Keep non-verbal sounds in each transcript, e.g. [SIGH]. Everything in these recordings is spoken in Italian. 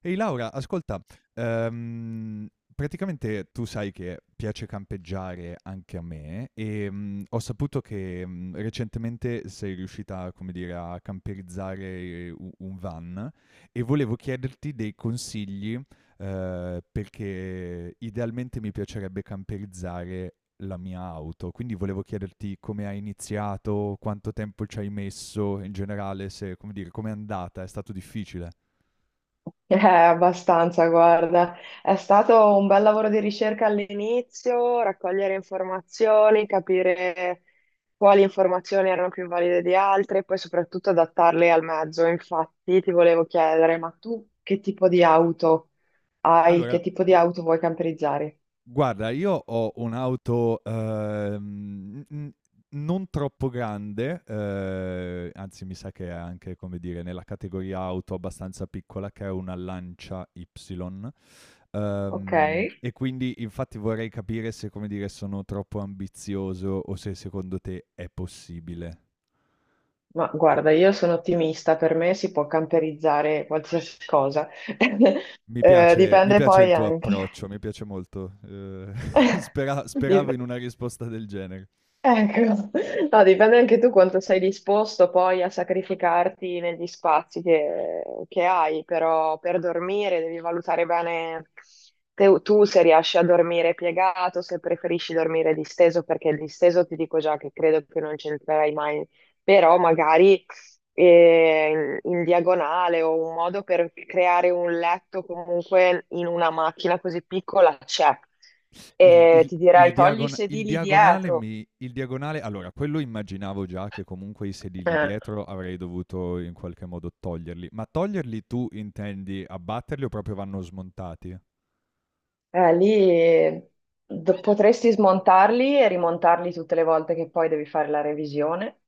Ehi Laura, ascolta, ehm, praticamente tu sai che piace campeggiare anche a me e ho saputo che recentemente sei riuscita, come dire, a camperizzare un van e volevo chiederti dei consigli perché idealmente mi piacerebbe camperizzare la mia auto, quindi volevo chiederti come hai iniziato, quanto tempo ci hai messo in generale, se, come dire, com'è andata, è stato difficile? Abbastanza, guarda. È stato un bel lavoro di ricerca all'inizio, raccogliere informazioni, capire quali informazioni erano più valide di altre e poi soprattutto adattarle al mezzo. Infatti, ti volevo chiedere, ma tu che tipo di auto hai? Allora, Che tipo di auto vuoi camperizzare? guarda, io ho un'auto, n n non troppo grande, anzi mi sa che è anche, come dire, nella categoria auto abbastanza piccola, che è una Lancia Y, Ok, e quindi infatti vorrei capire se, come dire, sono troppo ambizioso o se secondo te è possibile. ma guarda, io sono ottimista, per me si può camperizzare qualsiasi cosa. [LAUGHS] Mi piace mi Dipende piace il poi tuo anche. approccio, mi piace molto. [LAUGHS] [LAUGHS] Speravo Dip- in una risposta del genere. Ecco, no, dipende anche tu quanto sei disposto poi a sacrificarti negli spazi che hai, però per dormire devi valutare bene tu se riesci a dormire piegato, se preferisci dormire disteso, perché il disteso ti dico già che credo che non c'entrerai mai, però magari in diagonale o un modo per creare un letto comunque in una macchina così piccola c'è. Il, E il- ti il dirai togli i diagon- il sedili diagonale dietro. mi... Il diagonale... Allora, quello immaginavo già che comunque i sedili Eh, dietro avrei dovuto in qualche modo toglierli. Ma toglierli tu intendi abbatterli o proprio vanno smontati? lì potresti smontarli e rimontarli tutte le volte che poi devi fare la revisione,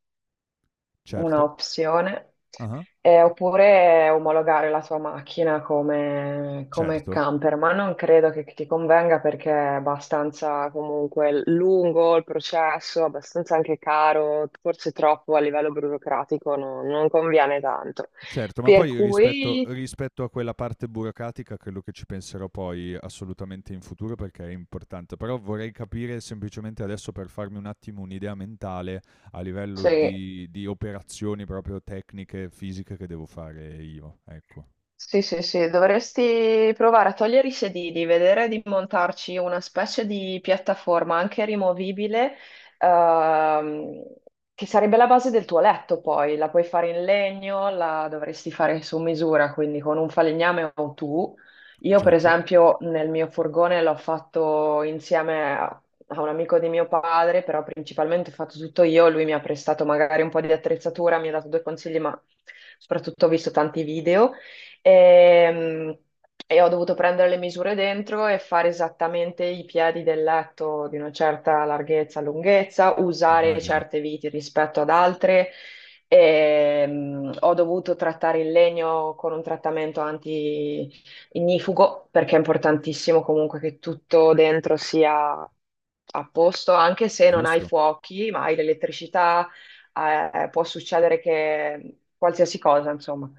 una Certo. opzione, Ah, oppure omologare la tua macchina come, come certo. camper, ma non credo che ti convenga perché è abbastanza comunque lungo il processo, abbastanza anche caro, forse troppo a livello burocratico, non conviene tanto. Certo, ma Per poi rispetto cui rispetto a quella parte burocratica credo che ci penserò poi assolutamente in futuro perché è importante, però vorrei capire semplicemente adesso per farmi un attimo un'idea mentale a livello sì. di operazioni proprio tecniche, fisiche che devo fare io, ecco. Sì, sì, sì, dovresti provare a togliere i sedili, vedere di montarci una specie di piattaforma anche rimovibile, ehm, che sarebbe la base del tuo letto poi, la puoi fare in legno, la dovresti fare su misura, quindi con un falegname o tu. Io per Certo, esempio nel mio furgone l'ho fatto insieme a un amico di mio padre, però principalmente ho fatto tutto io, lui mi ha prestato magari un po' di attrezzatura, mi ha dato due consigli, ma soprattutto ho visto tanti video. E, e ho dovuto prendere le misure dentro e fare esattamente i piedi del letto di una certa larghezza, lunghezza, usare immagino. certe viti rispetto ad altre. E, ho dovuto trattare il legno con un trattamento anti-ignifugo perché è importantissimo comunque che tutto dentro sia a posto, anche se non hai Giusto. fuochi, ma hai l'elettricità, può succedere che qualsiasi cosa, insomma.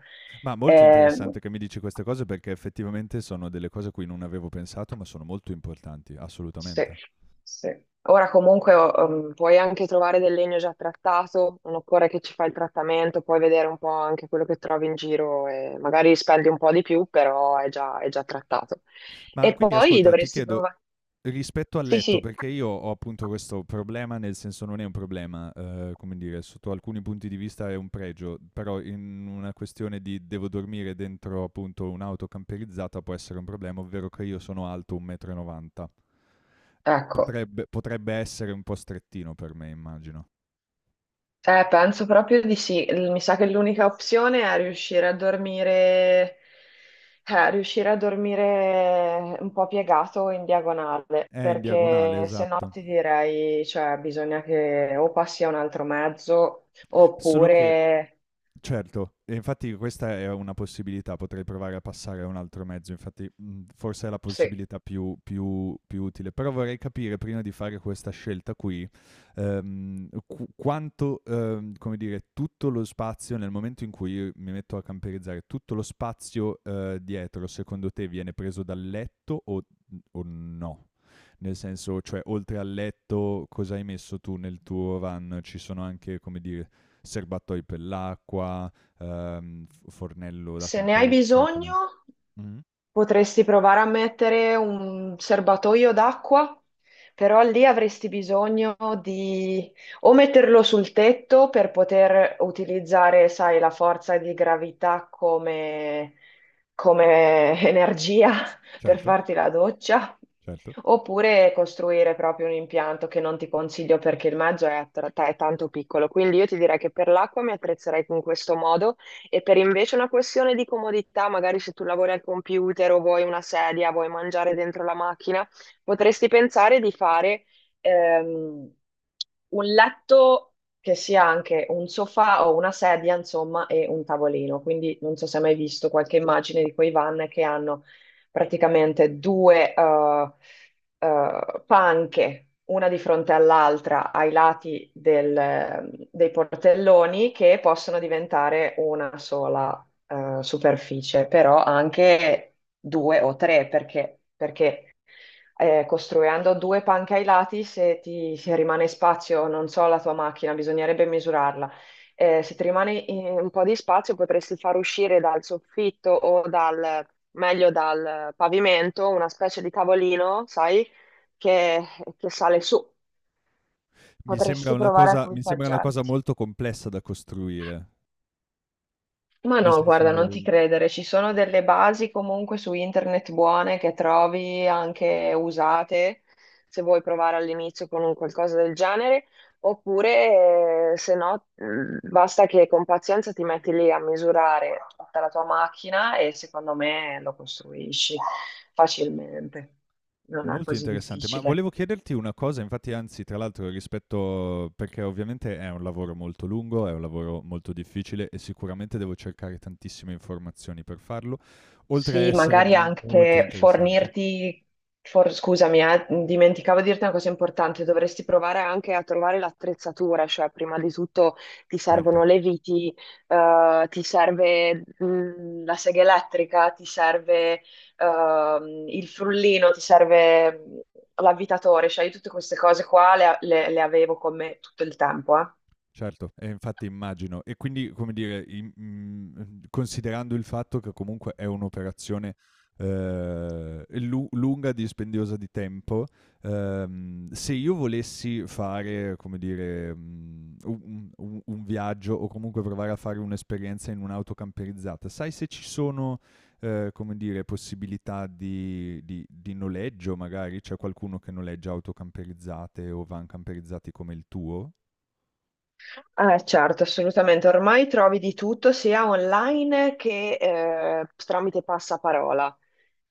Ma molto Ehm, interessante che mi dici queste cose perché effettivamente sono delle cose a cui non avevo pensato, ma sono molto importanti, Sì, assolutamente. sì. Ora comunque puoi anche trovare del legno già trattato, non occorre che ci fai il trattamento, puoi vedere un po' anche quello che trovi in giro e magari spendi un po' di più, però è già trattato. Ma E quindi poi ascolta, ti dovresti chiedo provare. rispetto al Sì, letto, sì, perché io ho appunto questo problema, nel senso non è un problema, come dire, sotto alcuni punti di vista è un pregio, però in una questione di devo dormire dentro appunto un'auto camperizzata può essere un problema, ovvero che io sono alto 1,90 m. ecco. Potrebbe, potrebbe essere un po' strettino per me, immagino. Penso proprio di sì. Mi sa che l'unica opzione è riuscire a dormire un po' piegato in diagonale, È in diagonale, perché se no esatto. ti direi, cioè, bisogna che o passi a un altro mezzo, Solo che oppure certo, e infatti questa è una possibilità, potrei provare a passare a un altro mezzo, infatti forse è la se, possibilità più utile, però vorrei capire prima di fare questa scelta qui quanto, come dire, tutto lo spazio, nel momento in cui io mi metto a camperizzare, tutto lo spazio dietro, secondo te viene preso dal letto o no? Nel senso, cioè, oltre al letto, cosa hai messo tu nel tuo run? Ci sono anche, come dire, serbatoi per l'acqua, fornello da se ne hai campeggio, cioè come... bisogno. Mhm. Potresti provare a mettere un serbatoio d'acqua, però lì avresti bisogno di o metterlo sul tetto per poter utilizzare, sai, la forza di gravità come [LAUGHS] energia per Certo, farti la doccia, certo. oppure costruire proprio un impianto che non ti consiglio perché il mezzo è, è tanto piccolo. Quindi io ti direi che per l'acqua mi attrezzerei in questo modo e per invece una questione di comodità, magari se tu lavori al computer o vuoi una sedia, vuoi mangiare dentro la macchina, potresti pensare di fare ehm, un letto che sia anche un sofà o una sedia, insomma, e un tavolino. Quindi non so se hai mai visto qualche immagine di quei van che hanno praticamente due panche, una di fronte all'altra, ai lati dei portelloni, che possono diventare una sola superficie, però anche due o tre, perché costruendo due panche ai lati, se rimane spazio, non so, la tua macchina, bisognerebbe misurarla. Se ti rimane un po' di spazio, potresti far uscire dal soffitto o meglio dal pavimento, una specie di tavolino, sai, che, che sale su. Mi sembra Potresti una provare a cosa, mi sembra una cosa equipaggiarti. molto complessa da costruire. Ma Nel no, guarda, non senso, ti credere, ci sono delle basi comunque su internet buone che trovi anche usate, se vuoi provare all'inizio con un qualcosa del genere, oppure se no, basta che con pazienza ti metti lì a misurare tutta la tua macchina e secondo me lo costruisci facilmente, non è molto così interessante, ma difficile. volevo chiederti una cosa, infatti anzi tra l'altro rispetto perché ovviamente è un lavoro molto lungo, è un lavoro molto difficile e sicuramente devo cercare tantissime informazioni per farlo, oltre a Sì, essere magari molto anche interessante. fornirti, scusami, dimenticavo di dirti una cosa importante, dovresti provare anche a trovare l'attrezzatura, cioè prima di tutto ti servono Certo. le viti, ti serve la sega elettrica, ti serve il frullino, ti serve l'avvitatore, cioè io tutte queste cose qua le avevo con me tutto il tempo, eh. Certo, e infatti immagino. E quindi, come dire, considerando il fatto che comunque è un'operazione, lu lunga, dispendiosa di tempo, se io volessi fare, come dire, mhmm, u un viaggio o comunque provare a fare un'esperienza in un'auto camperizzata, sai se ci sono, come dire, possibilità di noleggio magari? C'è qualcuno che noleggia auto camperizzate o van camperizzati come il tuo? Certo, assolutamente. Ormai trovi di tutto sia online che tramite passaparola.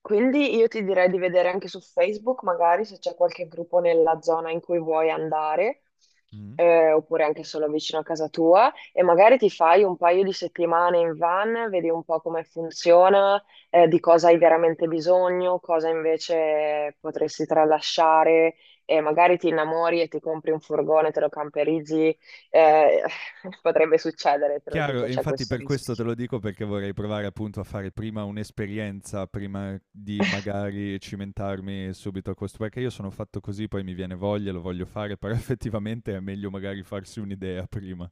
Quindi io ti direi di vedere anche su Facebook, magari se c'è qualche gruppo nella zona in cui vuoi andare, Mh. Oppure anche solo vicino a casa tua, e magari ti fai un paio di settimane in van, vedi un po' come funziona, di cosa hai veramente bisogno, cosa invece potresti tralasciare, e magari ti innamori e ti compri un furgone, te lo camperizzi, eh, [LAUGHS] potrebbe succedere, te lo Chiaro, dico, e c'è infatti questo per questo te rischio. lo dico perché vorrei provare appunto a fare prima un'esperienza, prima di magari cimentarmi subito a questo, perché io sono fatto così, poi mi viene voglia, lo voglio fare, però [LAUGHS] effettivamente è meglio magari farsi un'idea prima.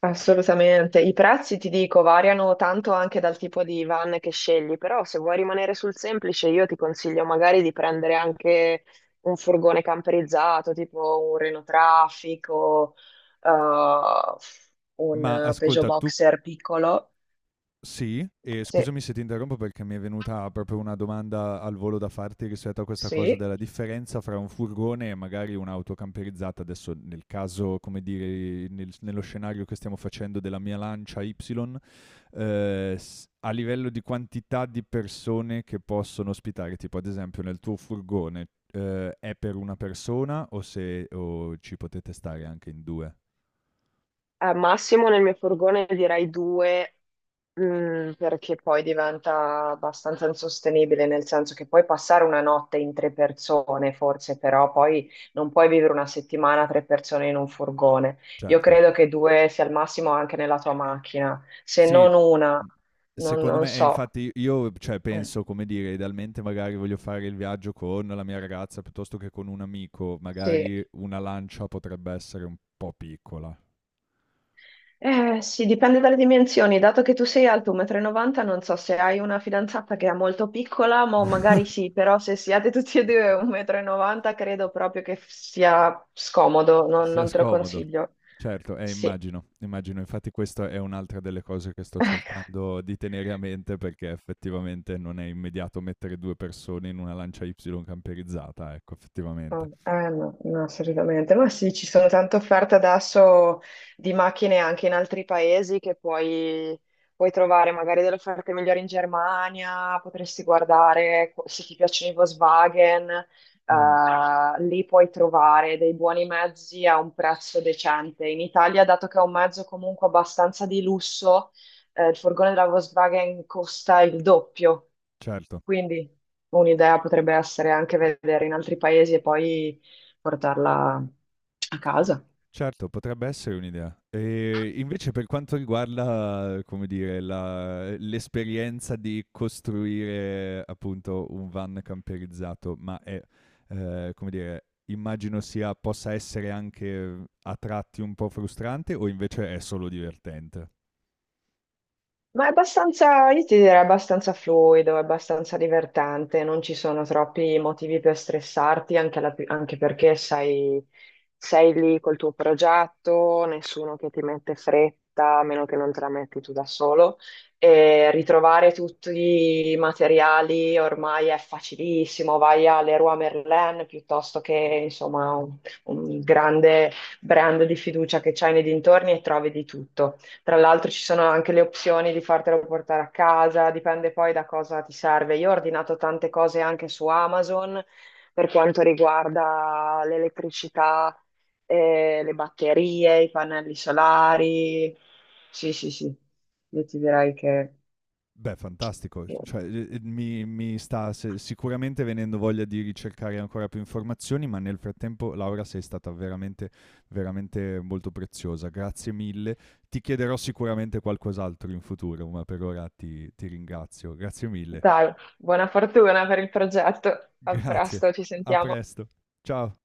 Assolutamente. I prezzi, ti dico, variano tanto anche dal tipo di van che scegli, però se vuoi rimanere sul semplice, io ti consiglio magari di prendere anche un furgone camperizzato, tipo un Renault Traffic o eh, un Ma Peugeot ascolta, tu Boxer piccolo. sì, e Sì, scusami se ti interrompo perché mi è venuta proprio una domanda al volo da farti rispetto a questa cosa sì. della differenza fra un furgone e magari un'auto camperizzata. Adesso nel caso, come dire, nello scenario che stiamo facendo della mia Lancia Y a livello di quantità di persone che possono ospitare, tipo ad esempio nel tuo furgone, è per una persona o, se, o ci potete stare anche in due? Al massimo nel mio furgone direi due. Perché poi diventa abbastanza insostenibile, nel senso che puoi passare una notte in tre persone, forse, però poi non puoi vivere una settimana tre persone in un furgone. Io Certo. credo che due sia al massimo anche nella tua macchina, se Sì, non una, m- non, secondo non me, e so. infatti io cioè, Mm, penso, come dire, idealmente magari voglio fare il viaggio con la mia ragazza piuttosto che con un amico, sì. magari una lancia potrebbe essere un po' piccola. Sì, dipende dalle dimensioni. Dato che tu sei alto 1,90 m, non so se hai una fidanzata che è molto piccola, ma magari [LAUGHS] sì, però se siete tutti e due 1,90 m, credo proprio che sia scomodo, non, Se è non te lo scomodo. consiglio. Certo, Sì. immagino, immagino. Infatti questa è un'altra delle cose che sto [LAUGHS] cercando di tenere a mente perché effettivamente non è immediato mettere 2 persone in una lancia Y camperizzata, ecco, Oh, effettivamente. eh no, no, assolutamente. Ma sì, ci sono tante offerte adesso di macchine anche in altri paesi che puoi trovare magari delle offerte migliori in Germania, potresti guardare se ti piacciono i Volkswagen, Mh, lì puoi trovare dei buoni mezzi a un prezzo decente. In Italia, dato che è un mezzo comunque abbastanza di lusso, il furgone della Volkswagen costa il doppio. certo. Quindi un'idea potrebbe essere anche vedere in altri paesi e poi portarla a casa. Certo, potrebbe essere un'idea. E invece per quanto riguarda, come dire, la l'esperienza di costruire appunto un van camperizzato, ma è, come dire, immagino sia possa essere anche a tratti un po' frustrante o invece è solo divertente? Ma è abbastanza, io ti direi abbastanza fluido, è abbastanza divertente, non ci sono troppi motivi per stressarti, anche, anche perché sei lì col tuo progetto, nessuno che ti mette fretta, a meno che non te la metti tu da solo. E ritrovare tutti i materiali ormai è facilissimo, vai a Leroy Merlin piuttosto che insomma un grande brand di fiducia che c'hai nei dintorni e trovi di tutto. Tra l'altro ci sono anche le opzioni di fartelo portare a casa, dipende poi da cosa ti serve. Io ho ordinato tante cose anche su Amazon per quanto riguarda l'elettricità, le batterie, i pannelli solari. Sì, sì, sì, io ti direi Beh, fantastico, che- cioè, mi sta se sicuramente venendo voglia di ricercare ancora più informazioni, ma nel frattempo, Laura, sei stata veramente, veramente molto preziosa. Grazie mille. Ti chiederò sicuramente qualcos'altro in futuro, ma per ora ti ringrazio. Grazie mille. Dai, buona fortuna per il progetto. A Grazie. presto, ci A sentiamo. presto. Ciao.